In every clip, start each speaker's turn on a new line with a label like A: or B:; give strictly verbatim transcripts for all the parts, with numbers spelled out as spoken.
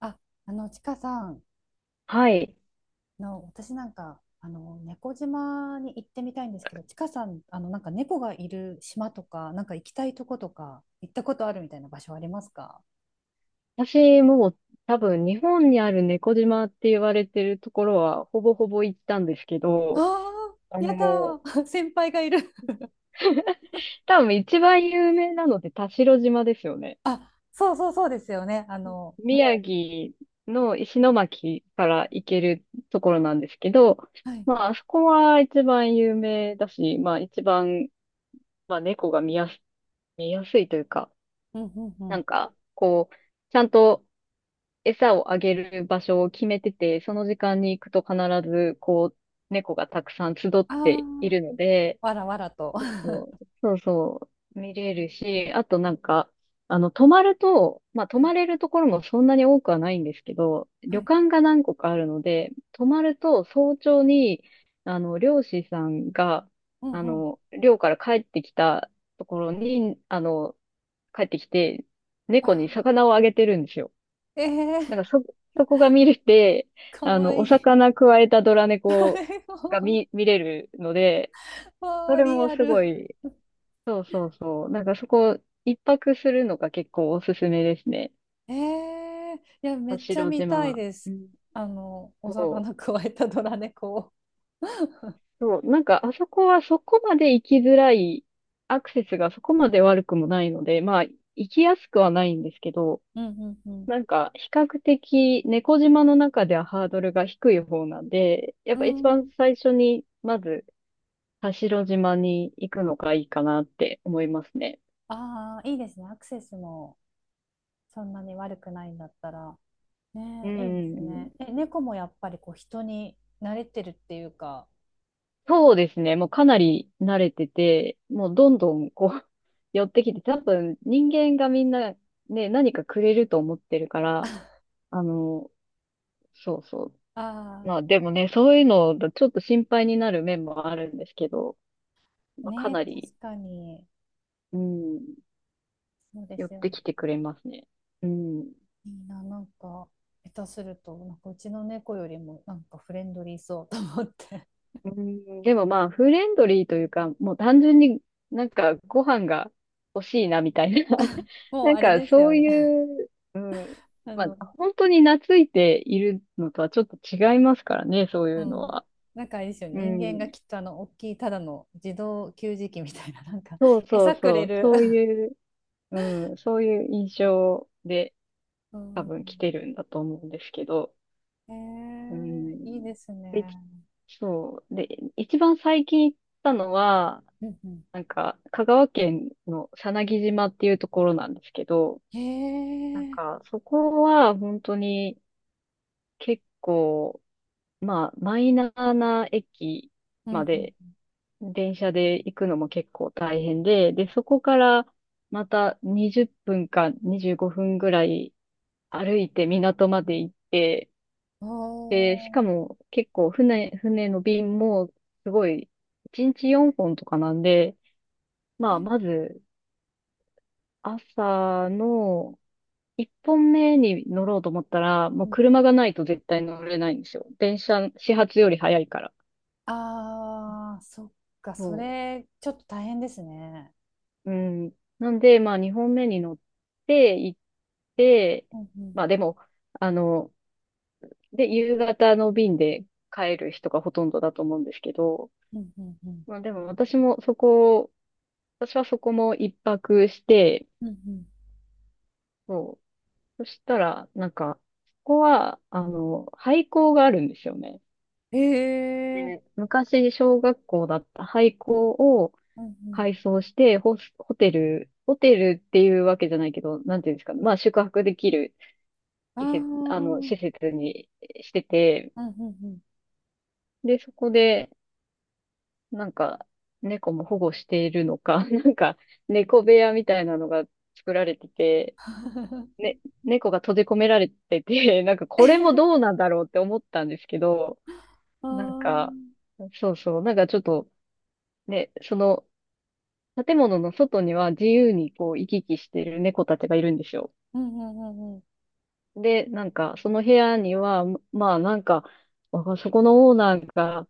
A: あ、あの、ちかさん
B: はい。
A: の、私なんか、あの、猫島に行ってみたいんですけど、ちかさん、あの、なんか猫がいる島とか、なんか行きたいとことか、行ったことあるみたいな場所ありますか？
B: 私も多分日本にある猫島って言われてるところはほぼほぼ行ったんですけ
A: あ
B: ど、
A: あ
B: あ
A: ー、やだ
B: の、
A: ー、先輩がいる。
B: 多分一番有名なのって田代島ですよね。
A: あ、そうそうそうですよね。あの、も
B: 宮城の石巻から行けるところなんですけど、
A: う、はい。
B: まああそこは一番有名だし、まあ一番、まあ猫が見やす、見やすいというか、
A: うんうんう
B: な
A: ん。
B: んかこう、ちゃんと餌をあげる場所を決めてて、その時間に行くと必ず、こう、猫がたくさん集っ
A: あ
B: てい
A: あ、
B: るので、
A: わらわらと。は
B: そう、そうそう、見れるし、あとなんか、あの、泊まると、まあ、泊まれるところもそんなに多くはないんですけど、旅
A: い。
B: 館が何個かあるので、泊まると早朝に、あの、漁師さんが、
A: うん
B: あ
A: うん。
B: の、漁から帰ってきたところに、あの、帰ってきて、
A: あ
B: 猫に
A: あ、
B: 魚をあげてるんですよ。
A: ええ
B: なん
A: ー、
B: かそ、そこが見れて、
A: か
B: あ
A: わ
B: の、
A: い
B: お
A: い。
B: 魚くわえたドラ 猫
A: 誰
B: が
A: も、
B: 見、見れるので、
A: わ
B: そ
A: あ、
B: れ
A: リ
B: も
A: ア
B: す
A: ル。
B: ごい、そうそうそう。なんかそこ、一泊するのが結構おすすめですね。
A: ええ、いや、め
B: 田
A: っちゃ
B: 代
A: 見
B: 島
A: たい
B: は。
A: で
B: う
A: す。
B: ん。
A: あの、お
B: そう。
A: 魚くわえたドラ猫を。
B: そう。なんかあそこはそこまで行きづらい、アクセスがそこまで悪くもないので、まあ、行きやすくはないんですけど、
A: うんうん
B: なんか、比較的、猫島の中ではハードルが低い方なんで、やっ
A: う
B: ぱ
A: ん。
B: 一
A: う
B: 番
A: ん。
B: 最初に、まず、田代島に行くのがいいかなって思いますね。
A: ああ、いいですね。アクセスもそんなに悪くないんだったら。
B: う
A: ねえ、
B: んう
A: いいで
B: ん
A: す
B: う
A: ね。え、
B: ん。
A: 猫もやっぱりこう人に慣れてるっていうか。
B: そうですね。もうかなり慣れてて、もうどんどんこう 寄ってきて、多分人間がみんなね、何かくれると思ってるから、あの、そうそう。
A: あ
B: まあでもね、そういうのだとちょっと心配になる面もあるんですけど、
A: あ、
B: まあ、か
A: ねえ、
B: なり、
A: 確かに。
B: うん、
A: そうで
B: 寄っ
A: すよね。
B: てきてくれますね。うん。
A: いいな、なんか、下手すると、なんかうちの猫よりもなんかフレンドリーそうと思って。
B: うん、でもまあ、フレンドリーというか、もう単純になんかご飯が欲しいなみたいな。
A: もう
B: なん
A: あれ
B: か
A: です
B: そ
A: よ
B: う
A: ね。
B: いう、うん、
A: あ
B: ま
A: の、
B: あ、本当に懐いているのとはちょっと違いますからね、そう
A: う
B: いうの
A: ん、
B: は。
A: なんかあれですよね、
B: う
A: 人間が
B: ん。
A: きっとあの大きいただの自動給餌器みたいな、なんか
B: そう そう
A: 餌く
B: そ
A: れ
B: う、
A: る。
B: そういう、うん、そういう印象で
A: う
B: 多分来
A: ん、
B: てるんだと思うんですけど。
A: へ
B: う
A: え、いい
B: ん。
A: です
B: で
A: ね。
B: そう。で、一番最近行ったのは、
A: うんうん、
B: なんか、香川県のさなぎ島っていうところなんですけど、
A: へ
B: なん
A: え、
B: か、そこは本当に結構、まあ、マイナーな駅
A: う
B: まで、
A: ん
B: 電車で行くのも結構大変で、で、そこからまたにじゅっぷんかにじゅうごふんぐらい歩いて港まで行って、
A: うん、
B: で、しか
A: おー、
B: も結構船、船の便もすごい、いちにちよんほんとかなんで、まあ、まず朝の、一本目に乗ろうと思ったら、も
A: う
B: う
A: ん、
B: 車がないと絶対乗れないんですよ。電車、始発より早いから。
A: あー、そっか、そ
B: そ
A: れちょっと大変ですね。
B: う。うん。なんで、まあ二本目に乗って行って、
A: うんうん
B: まあでも、あの、で、夕方の便で帰る人がほとんどだと思うんですけど、
A: うんうんうん
B: まあでも私もそこ、私はそこも一泊して、
A: うんう
B: そう。そしたら、なんか、ここは、あの、廃校があるんですよね。
A: ん。へえ、
B: ね、昔、小学校だった廃校を
A: うんう
B: 改装して、ホス、ホテル、ホテルっていうわけじゃないけど、なんていうんですかね。まあ、宿泊できる
A: ん、あ
B: 施設、あ
A: ー、う
B: の、
A: ん
B: 施設にしてて、
A: うんうん
B: で、そこで、なんか、猫も保護しているのか、なんか、猫部屋みたいなのが作られてて、ね、猫が閉じ込められてて、なんか、これもどうなんだろうって思ったんですけど、
A: あ
B: なん
A: ー、
B: か、そうそう、なんかちょっと、ね、その、建物の外には自由にこう行き来してる猫たちがいるんですよ。
A: うんうんうんうん
B: で、なんかその部屋には、まあなんか、わかそこのオーナーが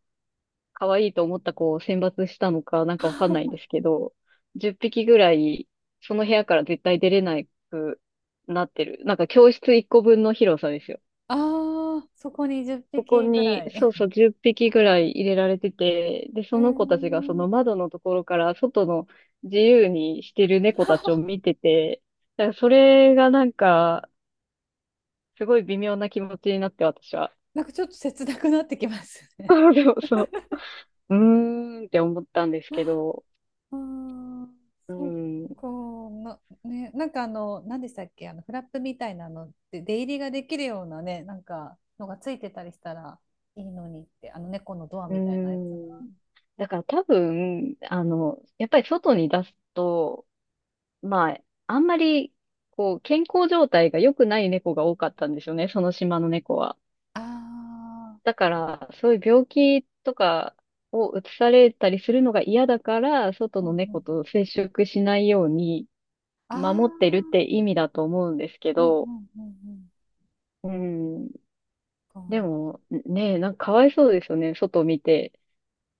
B: 可愛いと思った子を選抜したのかなんかわかんないんで すけど、じゅっぴきぐらいその部屋から絶対出れなくなってる。なんか教室いっこぶんの広さですよ。
A: ああ、そこに10
B: そこ
A: 匹ぐら
B: に、
A: い。
B: そ
A: へ
B: うそう、じゅっぴきぐらい入れられてて、で、
A: ー
B: その子たちがその窓のところから外の自由にしてる猫たちを見 てて、だからそれがなんか、すごい微妙な気持ちになって私は。
A: なんかちょっと切なくなってきます ね。
B: そうそうそう。うーんって思ったんですけ ど、
A: あー、
B: う
A: そっ
B: ん、う
A: かな、ね、なんかあの、何でしたっけ、あのフラップみたいなのって出入りができるようなね、なんかのがついてたりしたらいいのにって、あの猫のドア
B: ー
A: みたいなやつが。
B: ん。だから多分、あの、やっぱり外に出すと、まあ、あんまり、こう、健康状態が良くない猫が多かったんですよね、その島の猫は。
A: あ
B: だから、そういう病気とかをうつされたりするのが嫌だから、外
A: あ、うん
B: の
A: う
B: 猫
A: ん、
B: と接触しないように
A: ああ、
B: 守ってるって意味だと思うんですけ
A: うんう
B: ど、
A: んうんうん。
B: うん。
A: そ
B: で
A: っ
B: も、ねえ、なんかかわいそうですよね。外を見て。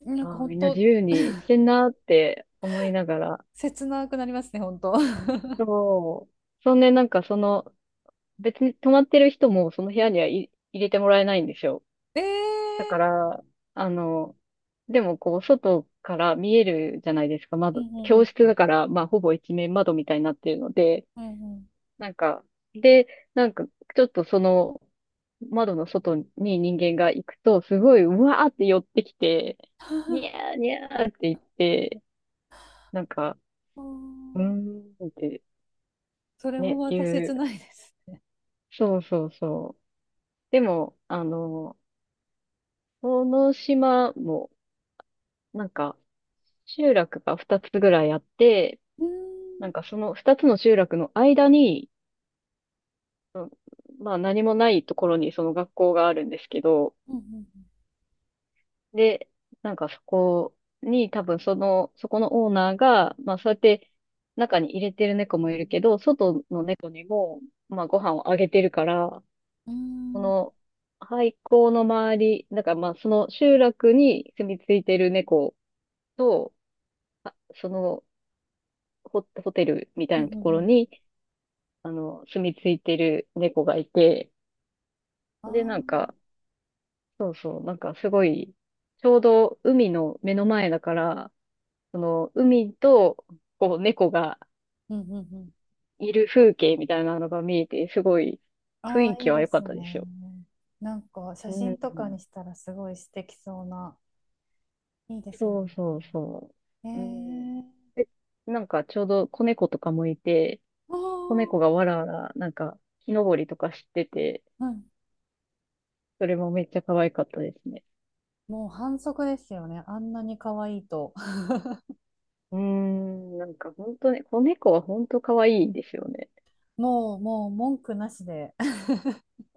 A: かなんか
B: ああ、
A: 本
B: みんな自
A: 当
B: 由にしてんなって思いながら。
A: 切なくなりますね、本当。
B: そう。そんで、なんかその、別に泊まってる人もその部屋にはい入れてもらえないんですよ。
A: え
B: だか
A: え、
B: ら、あの、でもこう、外から見えるじゃないですか、
A: う
B: 窓。教
A: ん
B: 室
A: うん
B: だから、まあ、ほぼ一面窓みたいになってるので、
A: うんうんうん
B: なんか、で、なんか、ちょっとその、窓の外に人間が行くと、すごい、うわーって寄ってきて、に ゃーにゃーって言って、なんか、
A: うー
B: うー
A: ん
B: んって
A: それも
B: ね、
A: また
B: 言
A: 切
B: う。
A: ないです。
B: そうそうそう。でも、あの、この島も、なんか、集落がふたつぐらいあって、
A: うー
B: なん
A: ん、
B: かその二つの集落の間に、うんまあ何もないところにその学校があるんですけど、
A: うんうん
B: で、なんかそこに多分その、そこのオーナーが、まあそうやって中に入れてる猫もいるけど、外の猫にも、まあご飯をあげてるから、
A: う
B: そ
A: ん
B: の廃校の周り、だからまあその集落に住み着いてる猫と、あその、ホホテルみた
A: う
B: い
A: んう
B: なとこ
A: んう
B: ろ
A: ん、
B: に、あの、住み着いてる猫がいて、
A: ああ
B: で、なん
A: ー、
B: か、そうそう、なんかすごい、ちょうど海の目の前だから、その海と、こう、猫が
A: うんうんうん、
B: いる風景みたいなのが見えて、すごい雰
A: ああ
B: 囲
A: ーい
B: 気
A: い
B: は
A: で
B: 良かっ
A: す
B: たです
A: ね。
B: よ。
A: なんか写
B: う
A: 真
B: ん。
A: とかにしたらすごい素敵そうな。いいですね。
B: そうそうそ
A: え
B: う。うん。
A: ー、
B: で、なんかちょうど子猫とかもいて、
A: あ
B: 子猫が
A: あ、
B: わらわら、なんか木登りとかしてて、
A: うん。
B: それもめっちゃ可愛かったですね。
A: もう反則ですよね。あんなに可愛いと。
B: うーん、なんか本当ね、子猫は本当可愛いですよね。
A: もう、もう文句なしで、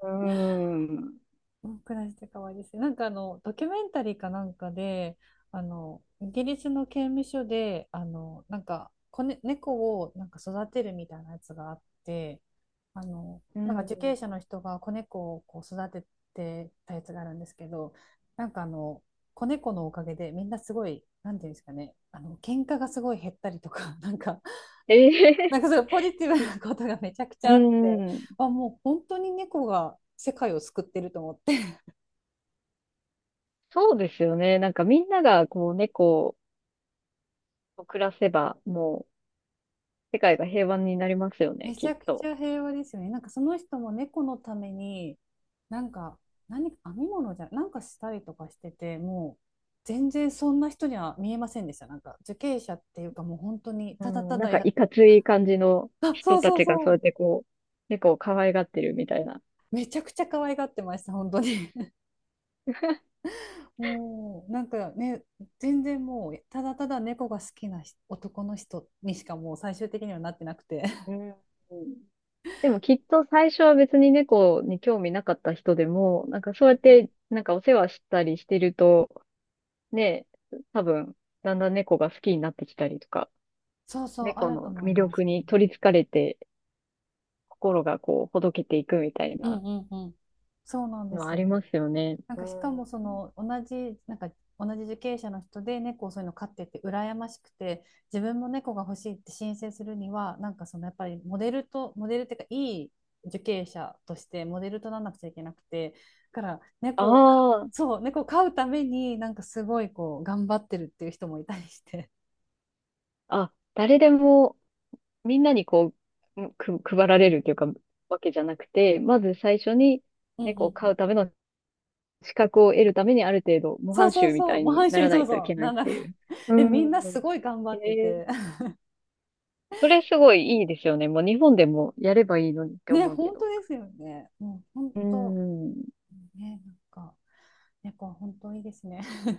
B: うーん。
A: うん、暮らして可愛いですね。なんかあの、ドキュメンタリーかなんかで、あの、イギリスの刑務所で、あの、なんか、子ね、猫をなんか育てるみたいなやつがあって、あの、
B: う
A: なんか受刑
B: ん。
A: 者の人が子猫をこう育ててたやつがあるんですけど、なんかあの、子猫のおかげでみんなすごい、なんていうんですかね、あの、喧嘩がすごい減ったりとか、なんか、
B: え
A: な
B: え
A: んかそういうポジティブなことがめちゃくち
B: う
A: ゃあって、
B: ん。うん
A: あ、もう本当に猫が世界を救ってると思って。
B: そうですよね。なんかみんながこう猫を暮らせば、もう世界が平和になりますよね、
A: めち
B: きっ
A: ゃくち
B: と。
A: ゃ平和ですよね。なんかその人も猫のために、なんか何か編み物じゃ、なんかしたりとかしてて、もう全然そんな人には見えませんでした。なんか受刑者っていうかもう本当に
B: う
A: ただ
B: ん。
A: た
B: なん
A: だ
B: か
A: や、
B: いかつい感じの
A: あ、そ
B: 人
A: う
B: た
A: そう
B: ちが
A: そ
B: そうやっ
A: う。
B: てこう、猫を可愛がってるみたいな。
A: めちゃくちゃ可愛がってました、本当に。もうなんかね、全然もうただただ猫が好きな人、男の人にしかもう最終的にはなってなくて。
B: うん。でもきっと最初は別に猫に興味なかった人でも、なんかそうやって なんかお世話したりしてると、ね、多分だんだん猫が好きになってきたりとか
A: そうそう、あ
B: 猫
A: ると
B: の
A: 思い
B: 魅
A: ま
B: 力
A: す。
B: に取りつかれて、心がこう、ほどけていくみたい
A: う
B: な
A: んうんうん。そうなんで
B: の
A: す
B: あり
A: よ。
B: ますよね。
A: なん
B: う
A: かしか
B: ん。
A: もその同じ、なんか同じ受刑者の人で猫をそういうの飼ってて羨ましくて、自分も猫が欲しいって申請するにはなんかそのやっぱりモデルとモデルっていうかいい受刑者としてモデルとならなくちゃいけなくて、だから猫を、
B: ああ、
A: そう猫を飼うためになんかすごいこう頑張ってるっていう人もいたりして。
B: あ、誰でも、みんなにこう、く、配られるというか、わけじゃなくて、まず最初に
A: うんうん
B: 猫
A: う
B: を飼
A: ん。
B: うための資格を得るために、ある程度、模
A: そう
B: 範
A: そう
B: 囚み
A: そ
B: た
A: う、
B: い
A: 模
B: に
A: 範主
B: な
A: 義、
B: らな
A: そう
B: いとい
A: そ
B: け
A: う、
B: な
A: な
B: いっ
A: んだっ
B: て
A: け。
B: いう。う
A: で、みんなす
B: ん。
A: ごい頑張
B: え
A: って
B: え
A: て。
B: それすごいいいですよね。もう日本でもやればいいのにっ て
A: ね、
B: 思うけ
A: 本当
B: ど。
A: ですよね。もう本
B: う
A: 当、
B: ん。
A: ね、なんか、猫は本当いいですね。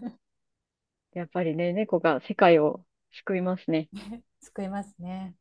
B: やっぱりね、猫が世界を救いますね。
A: 救いますね。